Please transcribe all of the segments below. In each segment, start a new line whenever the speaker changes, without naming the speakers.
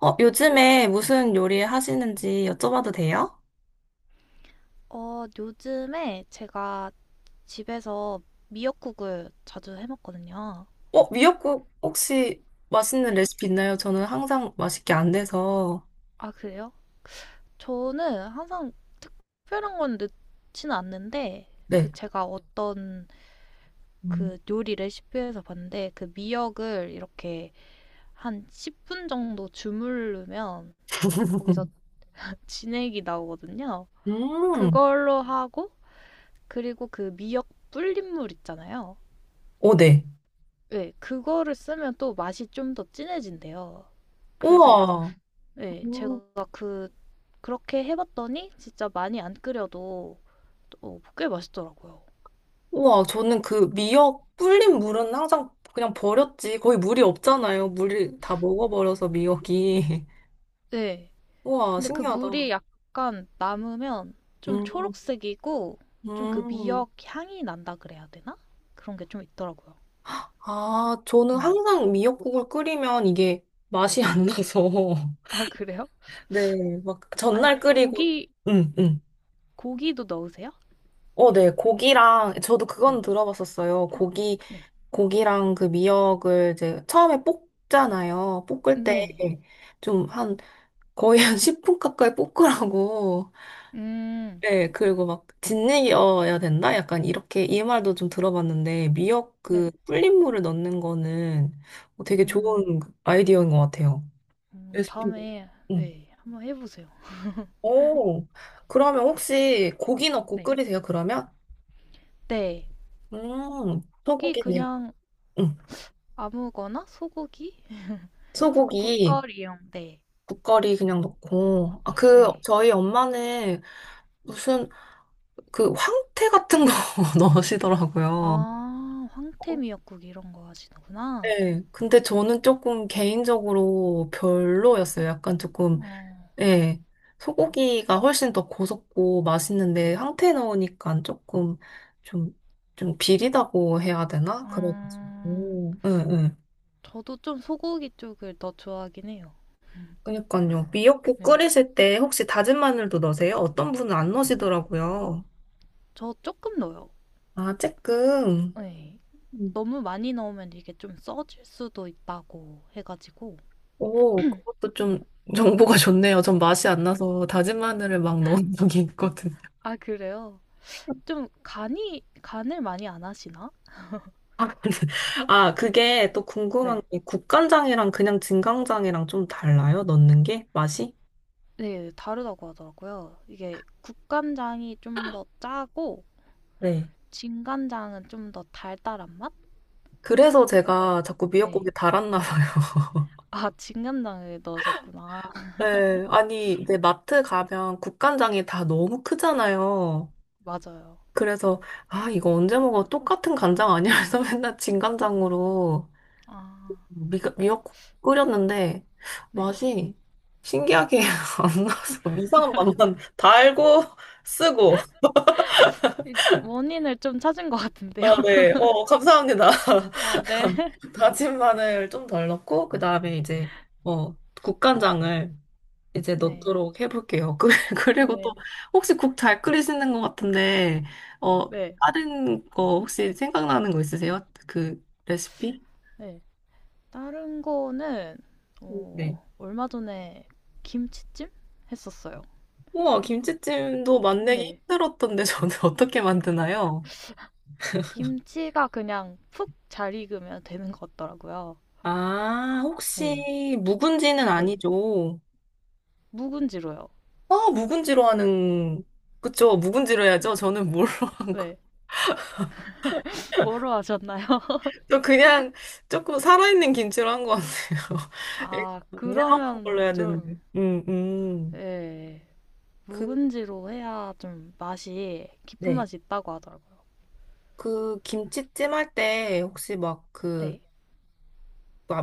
요즘에 무슨 요리 하시는지 여쭤봐도 돼요?
어, 요즘에 제가 집에서 미역국을 자주 해 먹거든요.
미역국 혹시 맛있는
네.
레시피 있나요? 저는 항상 맛있게 안 돼서.
아, 그래요? 저는 항상 특별한 건 넣지는 않는데, 그
네.
제가 어떤 그 요리 레시피에서 봤는데, 그 미역을 이렇게 한 10분 정도 주물르면 거기서 진액이 나오거든요.
음.
그걸로 하고, 그리고 그 미역 불린물 있잖아요.
오, 네.
네, 그거를 쓰면 또 맛이 좀 더 진해진대요. 그래서
우와.
네,
음,
제가 그 그렇게 해봤더니 진짜 많이 안 끓여도 어, 꽤 맛있더라고요.
우와, 저는 그 미역 불린 물은 항상 그냥 버렸지. 거의 물이 없잖아요. 물이 다 먹어버려서 미역이.
네,
우와,
근데 그
신기하다.
물이 약간 남으면 좀
음,
초록색이고 좀 그
음.
미역 향이 난다 그래야 되나? 그런 게 좀 있더라고요.
아, 저는
네.
항상 미역국을 끓이면 이게 맛이 안 나서.
아, 그래요?
네, 막
아니,
전날 끓이고
고기
응, 응.
고기도 넣으세요?
어, 네. 고기랑 저도 그건
네,
들어봤었어요. 고기
네,
고기랑 그 미역을 이제 처음에 볶잖아요. 볶을 때
네네.
좀 한 거의 한 10분 가까이 볶으라고.
음,
네, 그리고 막 짓이어야 된다? 약간 이렇게 이 말도 좀 들어봤는데 미역 그
네.
불린 물을 넣는 거는 되게
음,
좋은 아이디어인 것 같아요. 레시피.
다음에
응.
네, 한번 해보세요.
오, 그러면 혹시 고기 넣고
네.
끓이세요, 그러면?
네. 고기
소고기네요.
그냥
응.
아무거나 소고기? 국,
소고기,
국거리용. 네.
국거리 그냥 넣고. 아, 그,
네.
저희 엄마는 무슨, 그, 황태 같은 거 넣으시더라고요.
아, 황태 미역국 이런 거 하시는구나.
네. 근데 저는 조금 개인적으로 별로였어요. 약간 조금,
어,
예. 소고기가 훨씬 더 고소고 맛있는데, 황태 넣으니까 조금, 좀, 좀 비리다고 해야 되나? 그래가지고.
음,
응, 응.
저도 좀 소고기 쪽을 더 좋아하긴 해요.
그러니까요. 미역국
네.
끓이실 때 혹시 다진 마늘도 넣으세요? 어떤 분은 안 넣으시더라고요.
저 조금 넣어요.
아, 쬐끔.
네.
음.
너무 많이 넣으면 이게 좀 써질 수도 있다고 해가지고.
오, 그것도 좀
네.
정보가 좋네요. 전 맛이 안 나서 다진 마늘을 막 넣은 적이 있거든요.
아, 그래요? 좀 간이, 간을 많이 안 하시나?
아, 근데- 아, 그게 또 궁금한
네.
게 국간장이랑 그냥 진간장이랑 좀 달라요? 넣는 게? 맛이?
네, 다르다고 하더라고요. 이게 국간장이 좀 더 짜고
네.
진간장은 좀 더 달달한 맛?
그래서
그래.
제가 자꾸
네.
미역국에 달았나 봐요.
아, 진간장을 넣으셨구나.
네. 아니, 이제 마트
네,
가면 국간장이 다 너무 크잖아요.
맞아요.
그래서 아 이거 언제 먹어 똑같은 간장 아니야? 그래서 맨날 진간장으로
아,
미역국 끓였는데
네.
맛이 신기하게 안 나서 이상한 맛만 달고 쓰고
이 원인을 좀 찾은 것 같은데요.
아 네 어 감사합니다
아, 네.
다진 마늘 좀 덜 넣고 그 다음에 이제 어 국간장을 이제
네.
넣도록 해볼게요. 그- 그리고 또
네.
혹시 국 잘 끓이시는 것 같은데 어
네.
다른 거 혹시 생각나는 거 있으세요? 그 레시피?
네. 다른 거는
네.
얼마 전에 김치찜 했었어요.
우와 김치찜도 만들기
네.
힘들었던데 저는 어떻게 만드나요?
김치가 그냥 푹 잘 익으면 되는 것 같더라고요.
아
네.
혹시 묵은지는
네.
아니죠?
묵은지로요.
아 묵은지로 하는 그쵸 묵은지로 해야죠. 저는 뭘로 한 거?
왜? 뭐로 하셨나요?
저 그냥 조금 살아있는 김치로 한 것 같아요.
아,
물렁한
그러면
걸로 해야
좀,
되는데.
예,
그,
묵은지로 해야 좀 맛이, 깊은
네.
맛이 있다고 하더라고요.
그 김치찜 할 때 혹시 막 그,
네.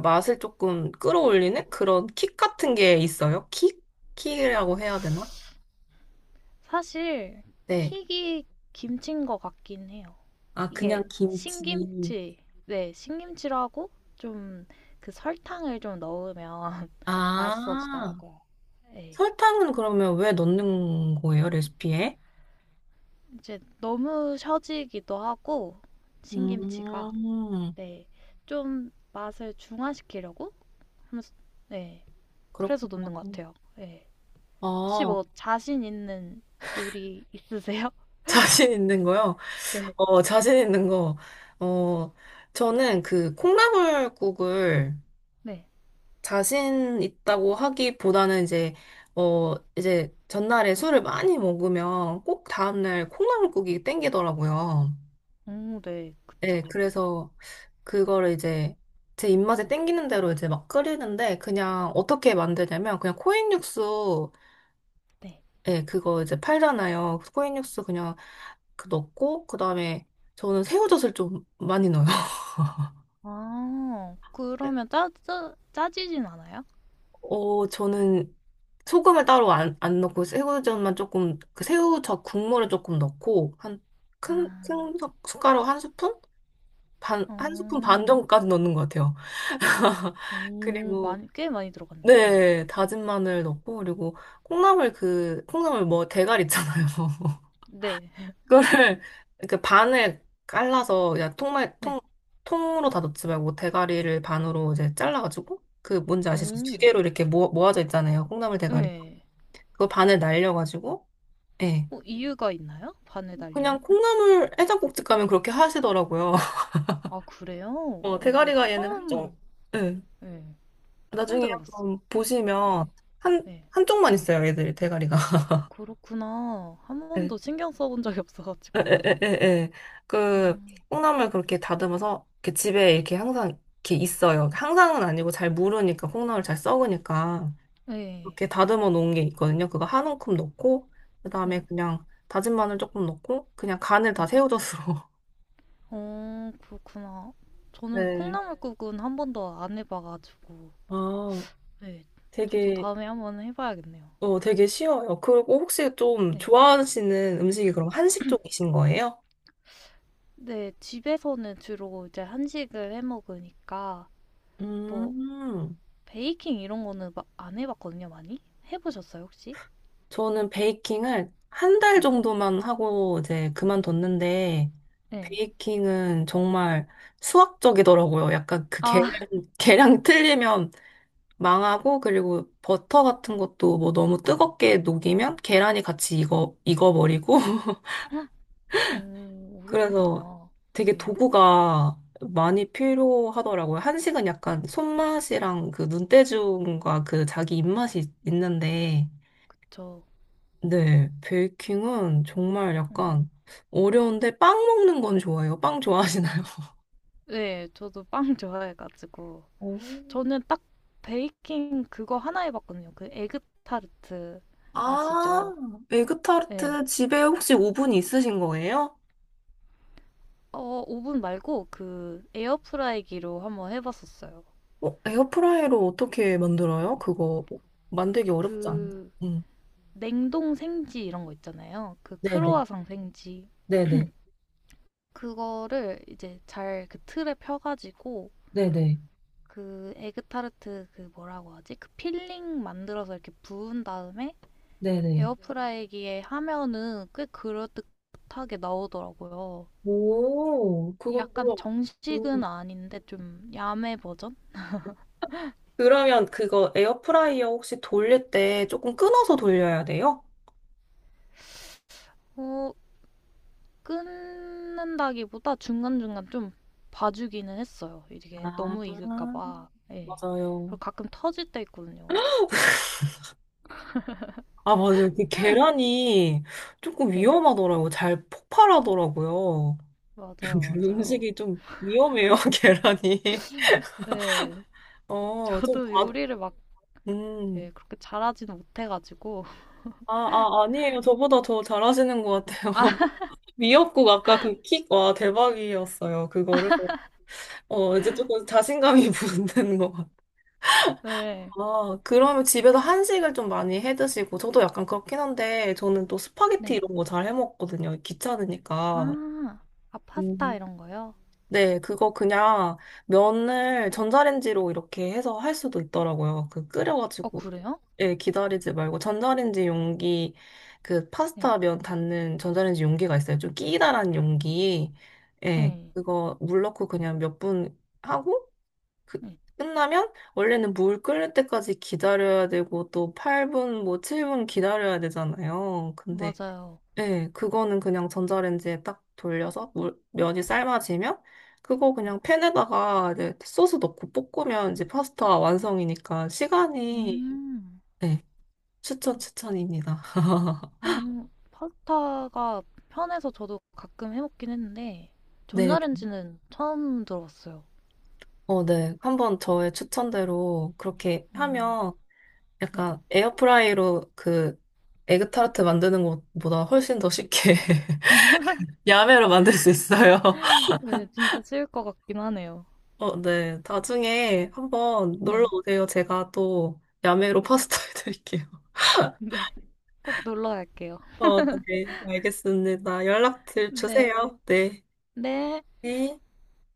맛을 조금 끌어올리는 그런 킥 같은 게 있어요? 킥? 킥이라고 해야 되나?
사실,
네.
킥이 김치인 것 같긴 해요.
아, 그냥
이게
김치.
신김치, 네, 신김치라고 좀 그 설탕을 좀 넣으면
아,
맛있어지더라고요. 예.
설탕은 그러면 왜 넣는 거예요, 레시피에?
이제 너무 셔지기도 하고, 신김치가.
음,
네. 좀 맛을 중화시키려고 하면서 네. 그래서
그렇구나.
넣는 것 같아요. 네. 혹시
아,
뭐 자신 있는 요리 있으세요?
자신 있는 거요?
네.
자신 있는 거. 어, 저는 그 콩나물국을
네.
자신 있다고 하기보다는 이제 이제 전날에 술을 많이 먹으면 꼭 다음날 콩나물국이 땡기더라고요.
오, 네.
네,
그쵸.
그래서 그거를 이제 제 입맛에 땡기는 대로 이제 막 끓이는데 그냥 어떻게 만드냐면 그냥 코인 육수
네.
예, 그거 이제 팔잖아요. 코인 육수 그냥 그 넣고 그다음에 저는 새우젓을 좀 많이 넣어요.
아, 그러면 짜, 짜, 짜지진 않아요?
저는 소금을 따로 안 넣고 새우젓만 조금 그 새우젓 국물을 조금 넣고 한큰큰
아,
숟가락 한 스푼 반 한 스푼 반
어.
정도까지 넣는 것 같아요.
오,
그리고
많이, 꽤 많이 들어갔네. 네.
네 다진 마늘 넣고 그리고 콩나물 그 콩나물 뭐 대가리 있잖아요.
네.
그거를 그 반을 갈라서 야 통말 통
네.
통으로 다 넣지 말고 대가리를 반으로 이제 잘라가지고 그 뭔지 아시죠? 두
오,
개로 이렇게 모아져 있잖아요. 콩나물 대가리.
네.
그거 반을 날려가지고 예.
어, 이유가 있나요? 반에
그냥
달리는?
콩나물 해장국집 가면 그렇게 하시더라고요.
아, 그래요? 오,
대가리가 얘는 한쪽,
처음,
네.
네. 처음
나중에
들어봤어요.
한번
네.
보시면 한,
네.
한쪽만 있어요, 얘들이 대가리가.
어, 그렇구나. 한
네.
번도 신경 써본 적이
에,
없어가지고
에, 에,
몰랐네요.
에, 에. 그
음,
콩나물 그렇게 다듬어서 이렇게 집에 이렇게 항상 이렇게 있어요. 항상은 아니고 잘 무르니까 콩나물 잘 썩으니까 이렇
네.
게 다듬어 놓은 게 있거든요. 그거 한 움큼 넣고
네.
그다음에 그냥 다진 마늘 조금 넣고 그냥 간을 다
네.
새우젓으로.
어, 그렇구나. 저는
네.
콩나물국은 한 번도 안 해봐가지고,
아,
네. 저도
되게
다음에 한번 해봐야겠네요.
되게 쉬워요. 그리고 혹시 좀
네.
좋아하시는 음식이 그럼 한식 쪽이신 거예요?
네, 집에서는 주로 이제 한식을 해 먹으니까, 뭐,
음,
베이킹 이런 거는 마- 안 해봤거든요, 많이? 해보셨어요, 혹시?
저는 베이킹을 한 달
네.
정도만 하고 이제 그만뒀는데,
네.
베이킹은 정말 수학적이더라고요. 약간 그 계량,
아,
계량 틀리면 망하고, 그리고 버터 같은 것도 뭐 너무 뜨겁게 녹이면 계란이 같이 익어버리고, 그래서
어렵구나.
되게
네.
도구가 많이 필요하더라고요. 한식은 약간 손맛이랑 그 눈대중과 그 자기 입맛이 있는데,
저,
네, 베이킹은 정말
음.
약간 어려운데 빵 먹는 건 좋아해요. 빵 좋아하시나요?
네, 저도 빵 좋아해가지고.
오.
저는 딱 베이킹 그거 하나 해봤거든요. 그 에그타르트
아,
아시죠? 네.
에그타르트 집에 혹시 오븐 있으신 거예요?
오븐 말고 그 에어프라이기로 한번 해봤었어요.
에어프라이로 어떻게 만들어요? 그거 만들기 어렵지 않나?
그
응.
냉동 생지 이런 거 있잖아요. 그
네네,
크로와상 생지.
네네,
그거를 이제 잘 그 틀에 펴가지고
네네,
그 에그타르트 그 뭐라고 하지? 그 필링 만들어서 이렇게 부은 다음에
네네.
에어프라이기에 하면은 꽤 그럴듯하게 나오더라고요.
오,
약간
그것도, 음.
정식은 아닌데 좀 야매 버전?
그러면 그거 에어프라이어 혹시 돌릴 때 조금 끊어서
네.
돌려야 돼요?
어, 끊는다기보다 중간중간 좀 봐주기는 했어요. 이게
아,
너무 익을까 봐. 네. 그리고
맞아요.
가끔 터질 때 있거든요.
아, 맞아요. 그 계란이 조금
네.
위험하더라고요. 잘 폭발하더라고요.
맞아요, 맞아요.
음식이 좀 위험해요, 계란이.
네.
좀
저도
과,
요리를 막
음.
네, 그렇게 잘하지는 못해가지고.
아, 아, 아니에요. 저보다 더 잘하시는 것 같아요.
아,
미역국 아까 그 킥, 와, 대박이었어요. 그거를. 이제 조금 자신감이 붙는 것 같아요.
네.
아, 그러면 집에서 한식을 좀 많이 해 드시고, 저도 약간 그렇긴 한데, 저는 또 스파게티
네.
이런 거 잘 해 먹거든요. 귀찮으니까.
아, 아, 파스타
음.
이런 거요?
네, 그거 그냥 면을 전자레인지로 이렇게 해서 할 수도 있더라고요. 그
어,
끓여가지고,
그래요?
예, 기다리지 말고, 전자레인지 용기, 그
네.
파스타 면 닿는 전자레인지 용기가 있어요. 좀 끼다란 용기. 예,
네.
그거 물 넣고 그냥 몇 분 하고, 그-
네,
끝나면 원래는 물 끓는 때까지 기다려야 되고 또 8분 뭐 7분 기다려야 되잖아요. 근데
맞아요.
네 그거는 그냥 전자레인지에 딱 돌려서 물, 면이 삶아지면 그거
네.
그냥 팬에다가 이제 소스 넣고 볶으면 이제 파스타 완성이니까 시간이
음.
네, 추천 추천입니다.
음. 파스타가 편해서 저도 가끔 해 먹긴 했는데
네.
전자레인지는 처음 들어봤어요.
어, 네. 한번 저의 추천대로 그렇게
음.
하면
네.
약간 에어프라이로 그 에그타르트 만드는 것보다 훨씬 더 쉽게 야매로 만들 수 있어요.
네, 진짜 쉬울 것 같긴 하네요.
어, 네. 나중에 한번 놀러
네.
오세요. 제가 또 야매로 파스타 해드릴게요.
네. 꼭 놀러 갈게요.
어, 네. 알겠습니다. 연락 드-
네.
주세요. 네.
네.
네.